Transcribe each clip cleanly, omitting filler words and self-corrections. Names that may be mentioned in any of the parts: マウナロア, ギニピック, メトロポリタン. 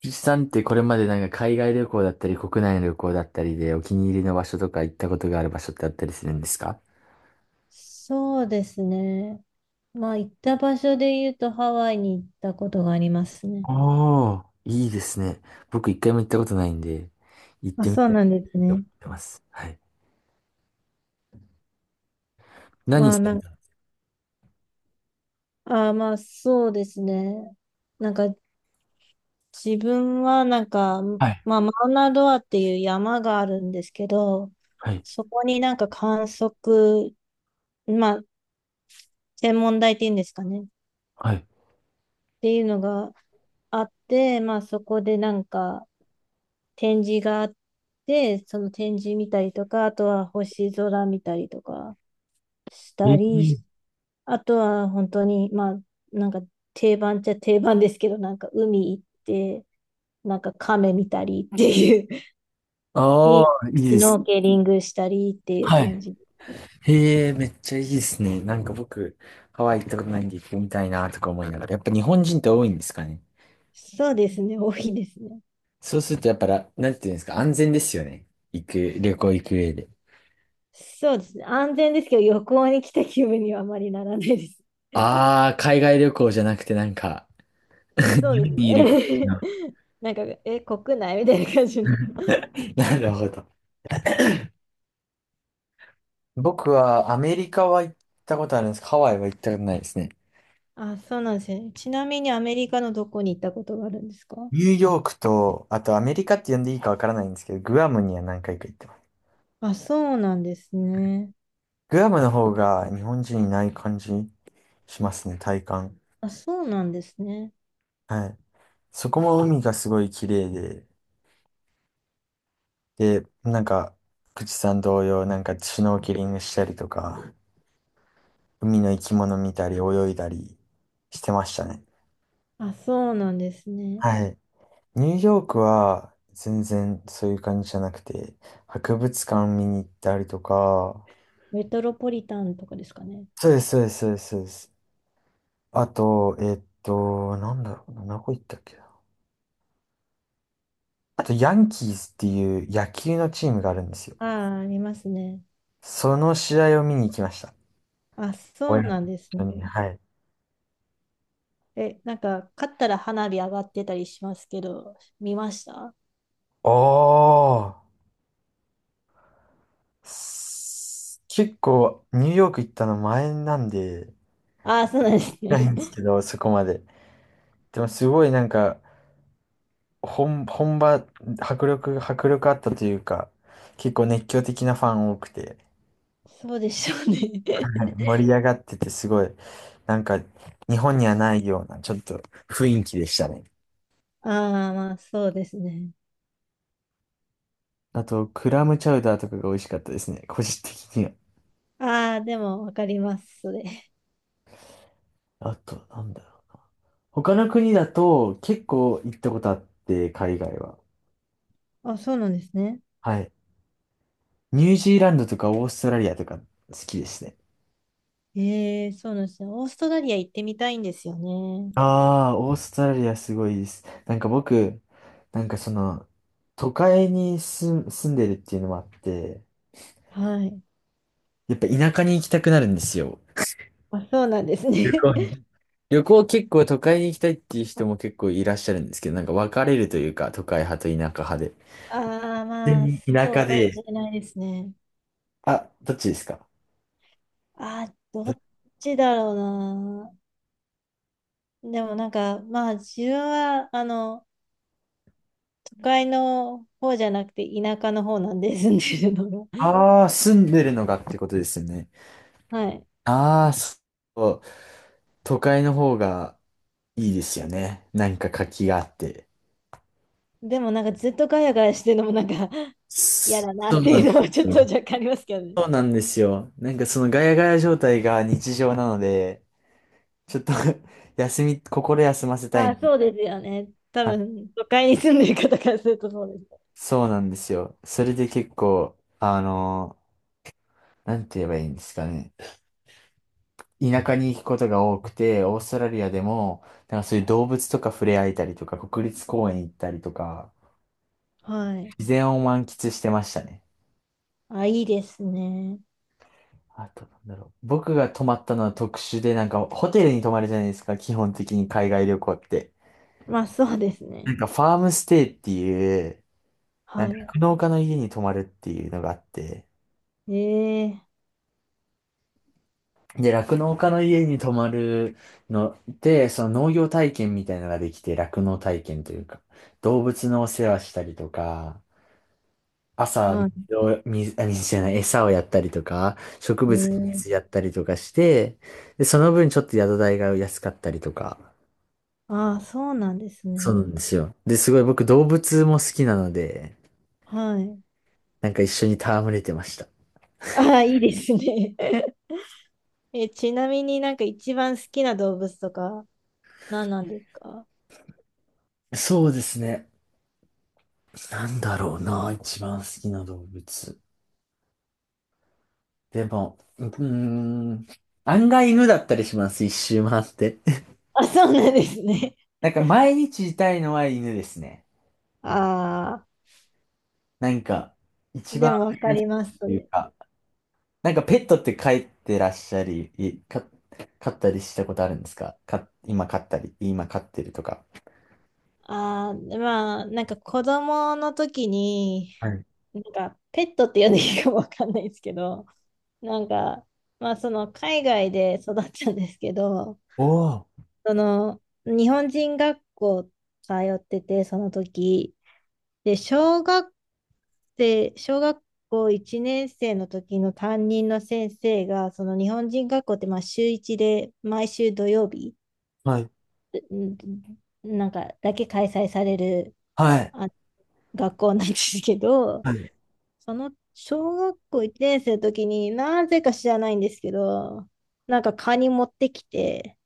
ピチさんってこれまで海外旅行だったり国内の旅行だったりでお気に入りの場所とか行ったことがある場所ってあったりするんですか？そうですね。まあ、行った場所で言うとハワイに行ったことがありますね。ああ、いいですね。僕一回も行ったことないんで、行っあ、てみそうたいなんですと思ね。ってます。はい。何まあ、さなれん、たんですあまあ、そうですね。なんか、自分はなんか、か？はい、まあ、マウナロアっていう山があるんですけど、はい、そこになんかまあ、天文台っていうんですかね、っはい。ていうのがあって、まあ、そこでなんか展示があって、その展示見たりとか、あとは星空見たりとか。しえたり、ー、あとは本当に、まあ、なんか定番っちゃ定番ですけど、なんか海行って、なんか亀見たりっていう、あリあ、いいシでュノす。ーケリングしたりっていうは感い。じですね。へえ、めっちゃいいですね。僕、ハワイ行ったことないんで行ってみたいなとか思いながら。やっぱ日本人って多いんですかね。そうですね、多いですね。そうするとやっぱら、なんていうんですか、安全ですよね。旅行行く上で。そうですね、安全ですけど、旅行に来た気分にはあまりならないです。ああ、海外旅行じゃなくてそ日うです本にいる感ね。なんか、国内みたいな感じの。じ な。なるほど。僕はアメリカは行ったことあるんですけど、ハワイは行ったことないですね。あ、そうなんですね。ちなみにアメリカのどこに行ったことがあるんですか？ニューヨークと、あとアメリカって呼んでいいかわからないんですけど、グアムには何回か行ってます。あ、そうなんですね。グアムの方が日本人いない感じしますね、体感。あ、そうなんですね。はい。そこも海がすごい綺麗で、で、口さん同様、シュノーケリングしたりとか、海の生き物見たり泳いだりしてましたね。あ、そうなんですね。はい。ニューヨークは全然そういう感じじゃなくて、博物館見に行ったりとか、メトロポリタンとかですかね。そうです、そうです、そうです、そうです。あと、なんだろうな、どこ行ったっけな。あと、ヤンキースっていう野球のチームがあるんですよ。ああ、ありますね。その試合を見に行きました。あ、そ親うとなんです一ね。緒に、はい。え、なんか、勝ったら花火上がってたりしますけど、見ました？おー、結構、ニューヨーク行ったの前なんで、ああー、そうなんですなね。いんですけど、そこまで。でもすごい本場、迫力あったというか、結構熱狂的なファン多くて、そうでしょうね。はい、盛り上がっててすごい、なんか日本にはないようなちょっと雰囲気でしたね。ああ、まあ、そうですね。あと、クラムチャウダーとかが美味しかったですね、個人的には。ああ、でも、わかります、それ。あと、なんだろう。他の国だと結構行ったことあって、海外は。あ、そうなんですね。はい。ニュージーランドとかオーストラリアとか好きですね。ええ、そうなんですね。オーストラリア行ってみたいんですよね。ああ、オーストラリアすごいです。僕、なんかその、都会に住、住んでるっていうのもあって、はい。やっぱ田舎に行きたくなるんですよ。あ、そうなんです旅ね。行に。旅行結構都会に行きたいっていう人も結構いらっしゃるんですけど、なんか分かれるというか、都会派と田舎派で。ああ、まあ、全然田そう舎かもで、しれないですね。あ、どっちですか？ああ、どどっちだろうな。でもなんか、まあ、自分は、都会の方じゃなくて、田舎の方なんで住んでるのが。ああー、住んでるのがってことですよね。はい。ああ、そう。都会の方がいいですよね。なんか活気があって。でもなんか、ずっとガヤガヤしてるのもなんか、嫌そだなっうてなんいでうのはちょすっよ。と若干ありますけどね。そうなんですよ。そのガヤガヤ状態が日常なので、ちょっと 心休ませたまあ、い。そうですよね。多はい、分、都会に住んでる方からするとそうです。そうなんですよ。それで結構、なんて言えばいいんですかね。田舎に行くことが多くて、オーストラリアでも、なんかそういう動物とか触れ合えたりとか、国立公園行ったりとか、はい。自然を満喫してましたね。あ、いいですね。あと、なんだろう。僕が泊まったのは特殊で、なんかホテルに泊まるじゃないですか、基本的に海外旅行って。まあ、そうですなんね。かファームステイっていう、なんかは酪農家の家に泊まるっていうのがあって、い。ええで、酪農家の家に泊まるので、その農業体験みたいなのができて、酪農体験というか、動物のお世話したりとか、朝、は水を、水、あ、水じゃない、餌をやったりとか、植物にい。水やええったりとかして、で、その分ちょっと宿代が安かったりとか、ああ、そうなんですそうなね。んですよ。で、すごい僕動物も好きなので、はい。なんか一緒に戯れてました。ああ、いいですね。ちなみになんか一番好きな動物とか何なんですか？ そうですね。なんだろうな、一番好きな動物。でも、ん、案外犬だったりします、一周回って。あ、そうなんですね。なんか毎日いたいのは犬ですね。ああ、なんか、一で番もわ愛からしいります、そというれ。か、なんかペットって飼ってらっしゃり、いか、飼ったりしたことあるんですか？今飼ったり、今飼ってるとか。ああ、まあ、なんか子供の時に、はい。なんかペットって呼んでいいかもわかんないですけど、なんか、まあその海外で育ったんですけど、おー、その日本人学校通ってて、その時、で、小学校1年生の時の担任の先生が、その日本人学校ってまあ週1で毎週土曜日、はい。うんなんかだけ開催されるはい。あ学校なんですけど、はい。その小学校1年生の時になぜか知らないんですけど、なんかカニ持ってきて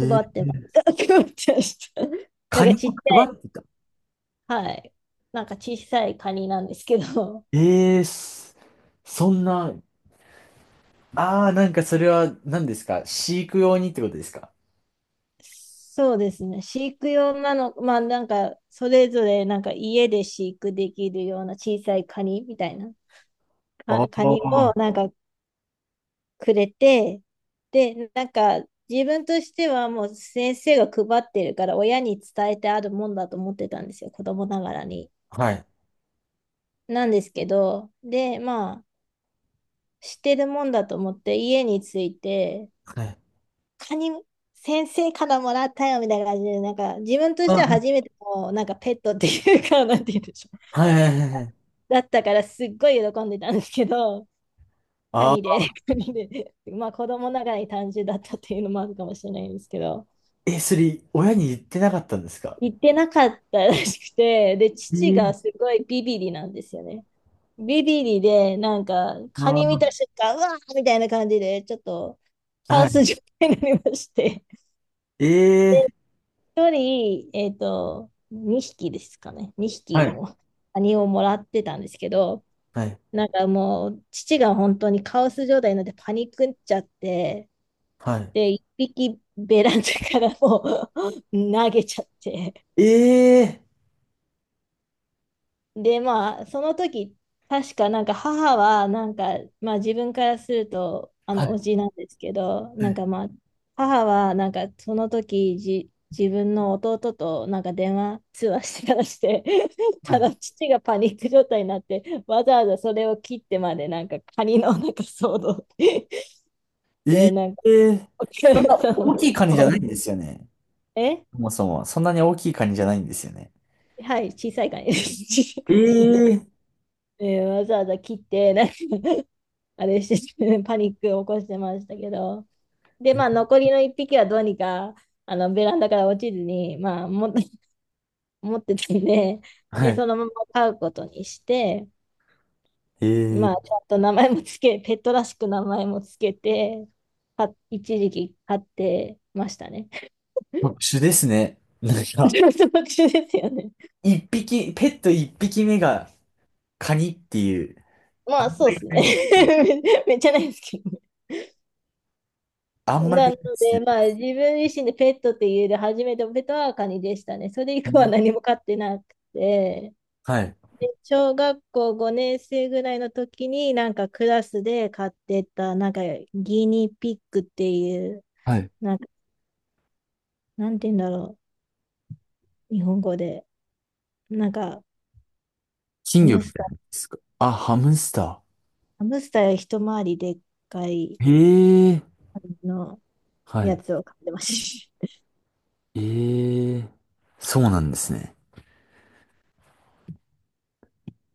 配ってまー、した。配ってました。なカんかニちっちを配ってた。ゃい、はい。なんか小さいカニなんですけど、ええそそんな、ああ、なんかそれは何ですか？飼育用にってことですか？そうですね。飼育用なの、まあなんか、それぞれなんか家で飼育できるような小さいカニみたいな、あカニあをー、なんかくれて、で、なんか自分としてはもう先生が配ってるから親に伝えてあるもんだと思ってたんですよ、子供ながらに。はい。なんですけど、で、まあ、知ってるもんだと思って家に着いて、はい。カニ先生からもらったよみたいな感じで、なんか自分としてはあ、初めてのなんかペットっていうか、なんて言うんでしょう。はいはいはいはい。だったからすっごい喜んでたんですけど、カあニあ、で、カニで、まあ子供ながらに単純だったっていうのもあるかもしれないんですけど、え、それ、親に言ってなかったんですか？行ってなかったらしくて、で、え父がー、すごいビビリなんですよね。ビビリで、なんかカあー、ニ見た瞬間、うわーみたいな感じで、ちょっとカはオい。ス状態になりまして。えで、え、一人、えっと、2匹ですかね。2は匹い。も、カニをもらってたんですけど、はい。なんかもう、父が本当にカオス状態になってパニックっちゃって、はい。で、1匹ベランダからもう 投げちゃって、ええ、で、まあ、その時、確かなんか母は、なんか、まあ自分からすると、はおい。じなんですけど、はなんいかまあ、母はなんかその時、自分の弟となんか電話通話してからして、はたい。だ父がパニック状態になって、わざわざそれを切ってまでなんかカニのなんか騒動 えで、なんか え、 おそん客なさん大を、きいカニじゃないんですよね。えそもそも。そんなに大きいカニじゃないんですよね。はい、小さいカニです。小さいカニええ、で でわざわざ切って、あれしてて、パニックを起こしてましたけど。で、まあ、残りの1匹はどうにか、ベランダから落ちずに、まあ、持ってたんで、はで、い。そのまま飼うことにして、えまあ、え、ちゃんと名前もつけ、ペットらしく名前もつけて、一時期飼ってましたね。特殊ですね。なん か、ちょっと特殊ですよね。一匹、ペット一匹目がカニっていう、まあんあ、まそうりですね。ないですね。めっちゃないですけどね。あんまりななのいですよで、まあ、自分自身でペットって言える初めてのペットはカニでしたね。それ以ね。降は何も飼ってなくて。はい。で小学校5年生ぐらいの時に、なんかクラスで買ってた、なんかギニピックっていう、はい。なんか、なんて言うんだろう、日本語で。なんか、金ハ魚みムたスタいなんでー、すか。あ、ハムスタハムスターより一回りでっかい、ー。へえ。あの、はやい。つを買ってました。ええ。そうなんですね。